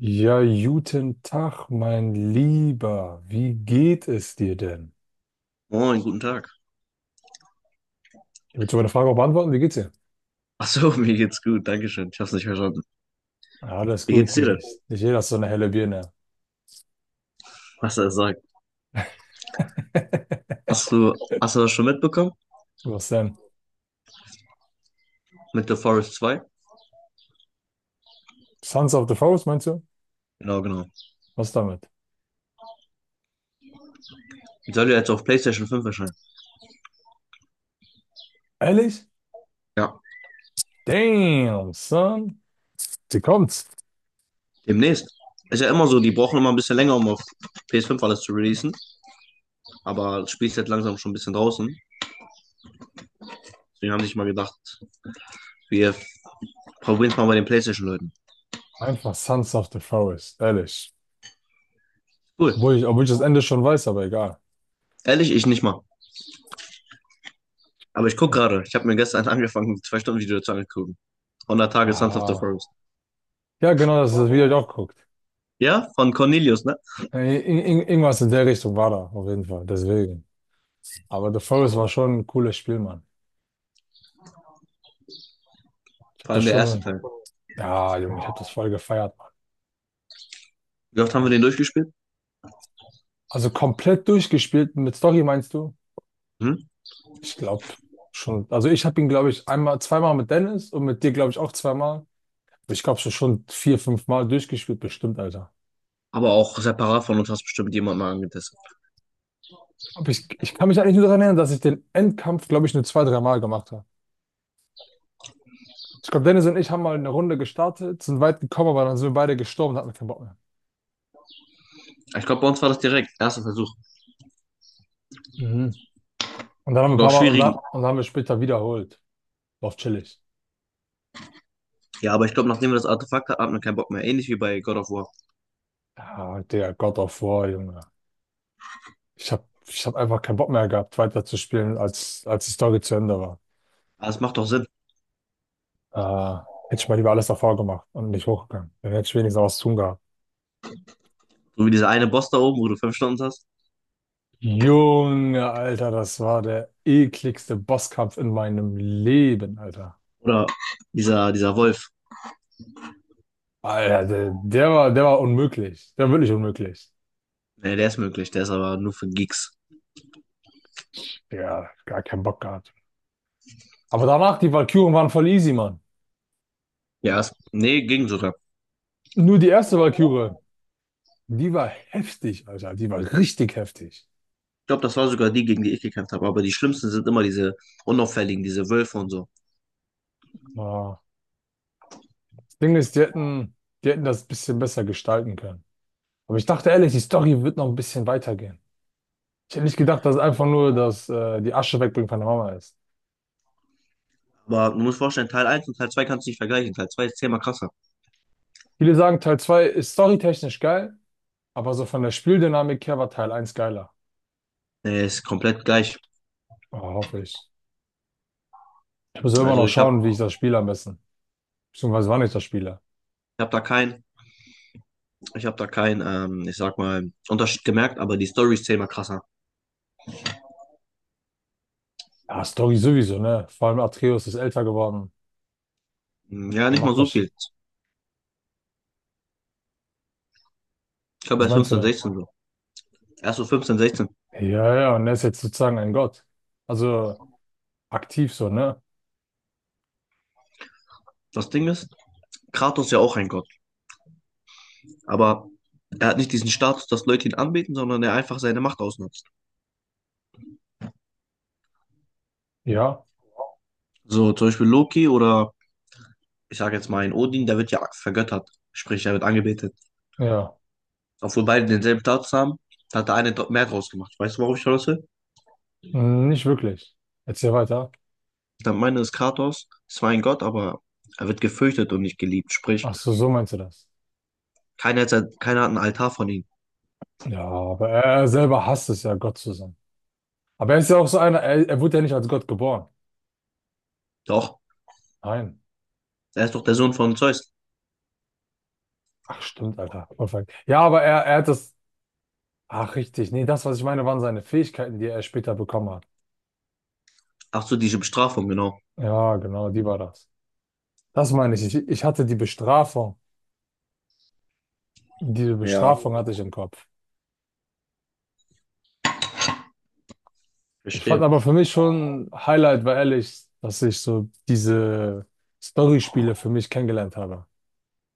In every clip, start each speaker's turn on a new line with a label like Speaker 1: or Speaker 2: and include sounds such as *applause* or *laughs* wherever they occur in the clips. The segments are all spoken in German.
Speaker 1: Ja, guten Tag, mein Lieber. Wie geht es dir denn?
Speaker 2: Moin, guten Tag.
Speaker 1: Ich würde meine Frage auch beantworten. Wie geht's dir?
Speaker 2: Ach so, *laughs* mir geht's gut, Dankeschön. Ich hab's nicht verstanden.
Speaker 1: Ja, alles
Speaker 2: Wie
Speaker 1: gut.
Speaker 2: geht's dir denn?
Speaker 1: Nicht jeder ist so eine helle Birne.
Speaker 2: Was er sagt. Hast
Speaker 1: *laughs*
Speaker 2: du, hast du das schon mitbekommen?
Speaker 1: Was denn?
Speaker 2: Mit The Forest 2?
Speaker 1: Sons of the Forest, meinst du?
Speaker 2: Genau, genau.
Speaker 1: Was damit?
Speaker 2: Die soll ja jetzt auf PlayStation 5 erscheinen.
Speaker 1: Ehrlich?
Speaker 2: Ja.
Speaker 1: Damn, son. Sie kommt's.
Speaker 2: Demnächst. Ist ja immer so, die brauchen immer ein bisschen länger, um auf ps fünf alles zu releasen. Aber das Spiel ist jetzt langsam schon ein bisschen draußen. Deswegen haben sich mal gedacht, wir probieren es mal bei den PlayStation-Leuten.
Speaker 1: Einfach Sons of the Forest. Ehrlich.
Speaker 2: Cool.
Speaker 1: Obwohl ich das Ende schon weiß, aber egal.
Speaker 2: Ehrlich, ich nicht mal. Aber ich guck
Speaker 1: Echt?
Speaker 2: gerade. Ich habe mir gestern *laughs* angefangen, ein zwei Stunden Video zu angucken. 100 Tage Sons of the
Speaker 1: Ja.
Speaker 2: Forest.
Speaker 1: Ja, genau, das ist, wie ihr auch guckt.
Speaker 2: Ja, von Cornelius, ne?
Speaker 1: Irgendwas in der Richtung war da, auf jeden Fall. Deswegen. Aber The Forest war schon ein cooles Spiel, Mann. Ich habe
Speaker 2: Vor
Speaker 1: das
Speaker 2: allem der erste
Speaker 1: schon,
Speaker 2: Teil.
Speaker 1: ja, Junge, ich habe das voll gefeiert, Mann.
Speaker 2: Wie oft haben wir
Speaker 1: Voll.
Speaker 2: den durchgespielt?
Speaker 1: Also komplett durchgespielt mit Story, meinst du?
Speaker 2: Hm?
Speaker 1: Ich glaube schon. Also ich habe ihn, glaube ich, einmal, zweimal mit Dennis und mit dir, glaube ich, auch zweimal. Ich glaube schon vier, fünf Mal durchgespielt, bestimmt, Alter.
Speaker 2: Aber auch separat von uns hast bestimmt jemand mal angetestet.
Speaker 1: Aber ich kann mich eigentlich nur daran erinnern, dass ich den Endkampf, glaube ich, nur zwei, drei Mal gemacht habe. Ich glaube, Dennis und ich haben mal eine Runde gestartet, sind weit gekommen, aber dann sind wir beide gestorben und hatten keinen Bock mehr.
Speaker 2: Ich glaube, bei uns war das direkt. Erster Versuch.
Speaker 1: Mhm. Und dann haben wir ein
Speaker 2: Sogar auch
Speaker 1: paar Mal, und,
Speaker 2: schwierigen.
Speaker 1: da, und dann haben wir später wiederholt. War auch chillig.
Speaker 2: Ja, aber ich glaube, nachdem wir das Artefakt hatten, hat man keinen Bock mehr. Ähnlich wie bei God of War.
Speaker 1: Ja, der God of War, Junge. Ich hab einfach keinen Bock mehr gehabt, weiterzuspielen, als die Story zu Ende war.
Speaker 2: Aber es macht doch Sinn.
Speaker 1: Äh, hätte ich mal lieber alles davor gemacht und nicht hochgegangen. Dann hätte ich wenigstens was zu tun gehabt.
Speaker 2: So wie dieser eine Boss da oben, wo du fünf Stunden hast.
Speaker 1: Junge, Alter, das war der ekligste Bosskampf in meinem Leben, Alter.
Speaker 2: Oder dieser Wolf.
Speaker 1: Alter, der war unmöglich. Der war wirklich unmöglich.
Speaker 2: Nee, der ist möglich. Der ist aber nur für Geeks.
Speaker 1: Ja, gar keinen Bock gehabt. Aber danach, die Walküren waren voll easy, Mann.
Speaker 2: Ja, es, nee, ging sogar.
Speaker 1: Nur die erste Walküre, die war heftig, Alter. Die war richtig heftig.
Speaker 2: Ich glaube, das war sogar die, gegen die ich gekämpft habe. Aber die schlimmsten sind immer diese unauffälligen, diese Wölfe und so.
Speaker 1: Ah. Ding ist, die hätten das ein bisschen besser gestalten können. Aber ich dachte ehrlich, die Story wird noch ein bisschen weitergehen. Ich hätte nicht gedacht, dass es einfach nur die Asche wegbringen von der Mama ist.
Speaker 2: Aber du musst vorstellen, Teil eins und Teil 2 kannst du nicht vergleichen. Teil 2 ist zehnmal krasser.
Speaker 1: Viele sagen, Teil 2 ist storytechnisch geil, aber so von der Spieldynamik her war Teil eins geiler.
Speaker 2: Nee, ist komplett gleich.
Speaker 1: Oh, hoffe ich. Ich muss ja immer noch
Speaker 2: Also ich habe
Speaker 1: schauen, wie ich das spiele am besten. Beziehungsweise wann ich das spiele.
Speaker 2: Ich habe da kein, ich sag mal, Unterschied gemerkt, aber die Story ist zehnmal krasser.
Speaker 1: Ja, Story sowieso, ne? Vor allem Atreus ist älter geworden.
Speaker 2: Hm, ja,
Speaker 1: Dann
Speaker 2: nicht mal
Speaker 1: macht
Speaker 2: so
Speaker 1: das.
Speaker 2: viel. Ich glaube,
Speaker 1: Was
Speaker 2: erst
Speaker 1: meinst du
Speaker 2: 15,
Speaker 1: denn?
Speaker 2: 16 so. Erst so 15, 16.
Speaker 1: Ja, ja, und er ist jetzt sozusagen ein Gott. Also aktiv so, ne?
Speaker 2: Das Ding ist, Kratos ist ja auch ein Gott. Aber er hat nicht diesen Status, dass Leute ihn anbeten, sondern er einfach seine Macht ausnutzt.
Speaker 1: Ja,
Speaker 2: So, zum Beispiel Loki oder, ich sage jetzt mal, ein Odin, der wird ja vergöttert. Sprich, er wird angebetet.
Speaker 1: ja.
Speaker 2: Obwohl beide denselben Status haben, hat der eine mehr draus gemacht. Weißt du, worauf ich hinaus will?
Speaker 1: Hm, nicht wirklich. Erzähl weiter.
Speaker 2: Ich meine, es ist Kratos, zwar ein Gott, aber er wird gefürchtet und nicht geliebt. Sprich,
Speaker 1: Ach so, so meinst du das.
Speaker 2: keiner hat einen Altar von ihm.
Speaker 1: Ja, aber er selber hasst es ja, Gott zu sein. Aber er ist ja auch so einer, er wurde ja nicht als Gott geboren.
Speaker 2: Doch,
Speaker 1: Nein.
Speaker 2: er ist doch der Sohn von Zeus.
Speaker 1: Ach, stimmt, Alter. Perfekt. Ja, aber er hat das. Ach, richtig. Nee, das, was ich meine, waren seine Fähigkeiten, die er später bekommen hat.
Speaker 2: Ach so, diese Bestrafung, genau.
Speaker 1: Ja, genau, die war das. Das meine ich. Ich hatte die Bestrafung. Diese
Speaker 2: Ja,
Speaker 1: Bestrafung hatte ich im Kopf. Ich fand
Speaker 2: verstehe.
Speaker 1: aber für mich schon Highlight, war ehrlich, dass ich so diese Storyspiele für mich kennengelernt habe.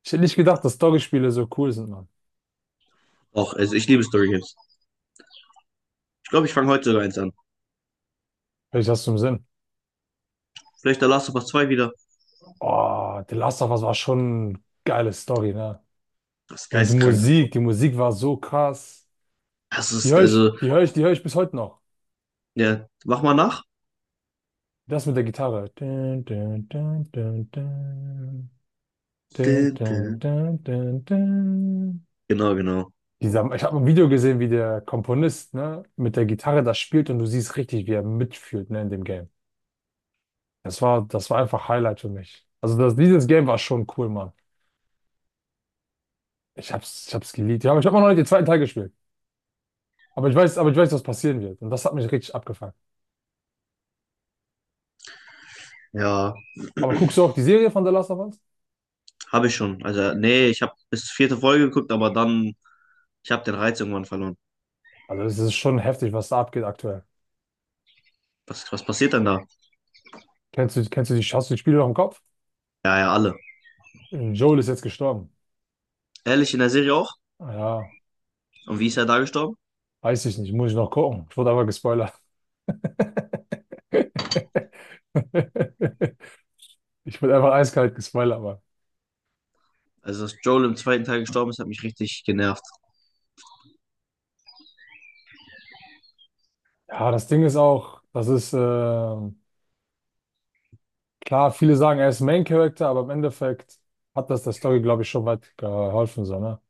Speaker 1: Ich hätte nicht gedacht, dass Storyspiele so cool sind, Mann.
Speaker 2: Doch, also ich liebe Story Games. Ich glaube, ich fange heute sogar eins an.
Speaker 1: Vielleicht hast du im Sinn.
Speaker 2: Vielleicht der Last of Us zwei wieder.
Speaker 1: Oh, The Last of Us war schon eine geile Story, ne?
Speaker 2: Das ist
Speaker 1: Und
Speaker 2: geistkrank.
Speaker 1: Die Musik war so krass.
Speaker 2: Das
Speaker 1: Die
Speaker 2: ist,
Speaker 1: höre ich,
Speaker 2: also,
Speaker 1: die höre ich, die höre ich bis heute noch.
Speaker 2: ja, mach mal nach.
Speaker 1: Das mit der Gitarre. Dun, dun, dun, dun, dun. Dun,
Speaker 2: Dü,
Speaker 1: dun,
Speaker 2: dü.
Speaker 1: dun, dun, dun.
Speaker 2: Genau, genau.
Speaker 1: Ich habe ein Video gesehen, wie der Komponist, ne, mit der Gitarre das spielt und du siehst richtig, wie er mitfühlt, ne, in dem Game. Das war einfach Highlight für mich. Also dieses Game war schon cool, Mann. Ich hab's geliebt. Ja, aber ich habe noch nicht den zweiten Teil gespielt. Aber ich weiß, was passieren wird. Und das hat mich richtig abgefuckt.
Speaker 2: Ja,
Speaker 1: Aber guckst du auch die Serie von The Last of Us?
Speaker 2: habe ich schon. Also, nee, ich habe bis vierte Folge geguckt, aber dann, ich habe den Reiz irgendwann verloren.
Speaker 1: Also, es ist schon heftig, was da abgeht aktuell.
Speaker 2: Was passiert denn da?
Speaker 1: Hast du die Spiele noch im Kopf?
Speaker 2: Ja, ja, alle.
Speaker 1: Joel ist jetzt gestorben.
Speaker 2: Ehrlich, in der Serie auch?
Speaker 1: Ah, ja,
Speaker 2: Und wie ist er da gestorben?
Speaker 1: weiß ich nicht. Muss ich noch gucken. Ich wurde aber gespoilert. *laughs* Ich wurde einfach eiskalt gespoilert, aber.
Speaker 2: Also, dass Joel im zweiten Teil gestorben ist, hat mich richtig genervt.
Speaker 1: Ja, das Ding ist auch, das ist, klar, viele sagen, er ist Main Character, aber im Endeffekt hat das der Story, glaube ich, schon weit geholfen, so, ne?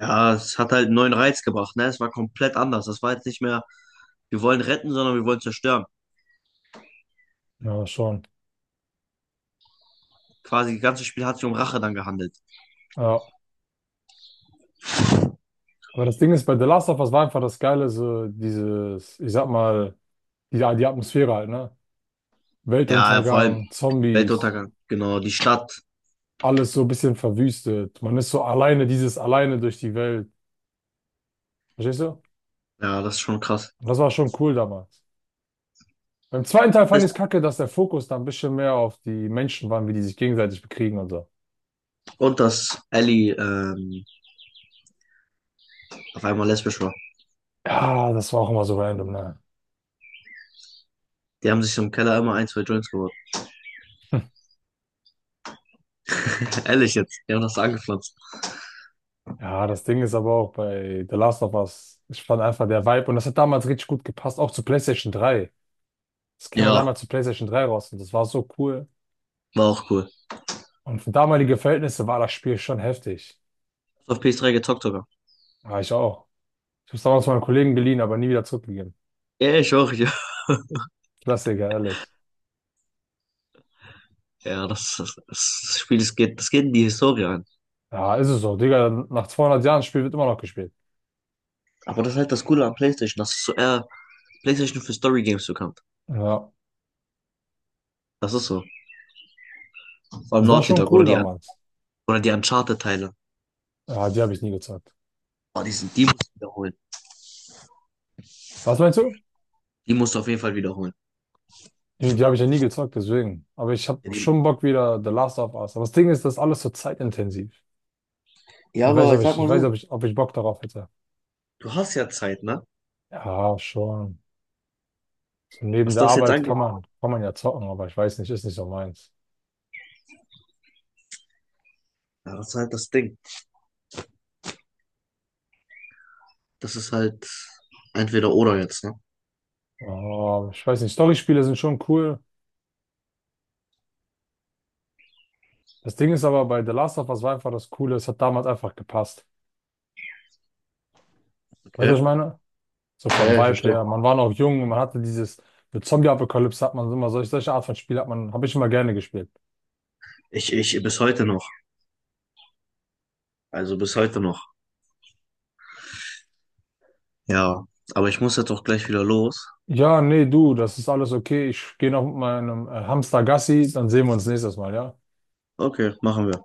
Speaker 2: Ja, es hat halt einen neuen Reiz gebracht, ne? Es war komplett anders. Das war jetzt nicht mehr, wir wollen retten, sondern wir wollen zerstören.
Speaker 1: Ja, schon.
Speaker 2: Quasi das ganze Spiel hat sich um Rache dann gehandelt.
Speaker 1: Ja. Aber das Ding ist, bei The Last of Us war einfach das Geile, so dieses, ich sag mal, die Atmosphäre halt, ne?
Speaker 2: Ja, ja, vor allem
Speaker 1: Weltuntergang, Zombies,
Speaker 2: Weltuntergang. Genau, die Stadt.
Speaker 1: alles so ein bisschen verwüstet. Man ist so alleine, dieses alleine durch die Welt. Verstehst du?
Speaker 2: Ja, das ist schon krass.
Speaker 1: Und das war schon cool damals. Beim zweiten Teil fand
Speaker 2: Das
Speaker 1: ich es
Speaker 2: heißt,
Speaker 1: kacke, dass der Fokus da ein bisschen mehr auf die Menschen war, wie die sich gegenseitig bekriegen und so.
Speaker 2: und dass Ellie auf einmal lesbisch war.
Speaker 1: Ja, das war auch immer so random, ne?
Speaker 2: Die haben sich so im Keller immer ein, zwei Joints geholt. *laughs* Ehrlich jetzt. Die haben das angepflanzt.
Speaker 1: Ja, das Ding ist aber auch bei The Last of Us, ich fand einfach der Vibe und das hat damals richtig gut gepasst, auch zu PlayStation 3. Das kam ja damals
Speaker 2: Ja,
Speaker 1: zu PlayStation 3 raus und das war so cool.
Speaker 2: war auch cool.
Speaker 1: Und für damalige Verhältnisse war das Spiel schon heftig.
Speaker 2: Auf PS3 gezockt sogar.
Speaker 1: Ja, ich auch. Ich habe es damals meinem Kollegen geliehen, aber nie wieder zurückgegeben.
Speaker 2: Ja, ich auch, ja.
Speaker 1: Klassiker, ehrlich.
Speaker 2: Ja, das Spiel, das geht in die Historie ein.
Speaker 1: Ja, ist es so. Digga, nach 200 Jahren Spiel wird immer noch gespielt.
Speaker 2: Aber das ist halt das Coole am PlayStation, dass es so eher PlayStation für Story Games bekannt.
Speaker 1: Ja,
Speaker 2: Das ist so. Vor allem
Speaker 1: das war
Speaker 2: Naughty
Speaker 1: schon
Speaker 2: Dog
Speaker 1: cool
Speaker 2: oder die,
Speaker 1: damals.
Speaker 2: oder die Uncharted-Teile.
Speaker 1: Ja, die habe ich nie gezockt.
Speaker 2: Oh, die musst du wiederholen.
Speaker 1: Was meinst du?
Speaker 2: Die musst du auf jeden Fall wiederholen.
Speaker 1: Die habe ich ja nie gezockt, deswegen. Aber ich habe
Speaker 2: Ja,
Speaker 1: schon Bock wieder The Last of Us. Aber das Ding ist, das ist alles so zeitintensiv.
Speaker 2: ja,
Speaker 1: Ich weiß,
Speaker 2: aber
Speaker 1: ob
Speaker 2: ich sag
Speaker 1: ich, ich
Speaker 2: mal
Speaker 1: weiß,
Speaker 2: so,
Speaker 1: ob ich, ob ich Bock darauf hätte.
Speaker 2: du hast ja Zeit, ne?
Speaker 1: Ja, schon. So neben
Speaker 2: Was
Speaker 1: der
Speaker 2: das jetzt
Speaker 1: Arbeit
Speaker 2: angeht.
Speaker 1: kann man ja zocken, aber ich weiß nicht, ist nicht so meins.
Speaker 2: Ja, das ist halt das Ding. Das ist halt entweder oder jetzt, ne?
Speaker 1: Oh, ich weiß nicht, Storyspiele sind schon cool. Das Ding ist aber bei The Last of Us war einfach das Coole, es hat damals einfach gepasst. Weißt du, was ich
Speaker 2: Okay.
Speaker 1: meine? So
Speaker 2: Ja,
Speaker 1: vom
Speaker 2: ja, ich
Speaker 1: Vibe
Speaker 2: verstehe.
Speaker 1: her. Man war noch jung und man hatte dieses, mit Zombie-Apokalypse hat man immer solche Art von Spiel habe ich immer gerne gespielt.
Speaker 2: Ich bis heute noch. Also bis heute noch. Ja, aber ich muss jetzt auch gleich wieder los.
Speaker 1: Ja, nee, du, das ist alles okay. Ich gehe noch mit meinem Hamster Gassi, dann sehen wir uns nächstes Mal, ja?
Speaker 2: Okay, machen wir.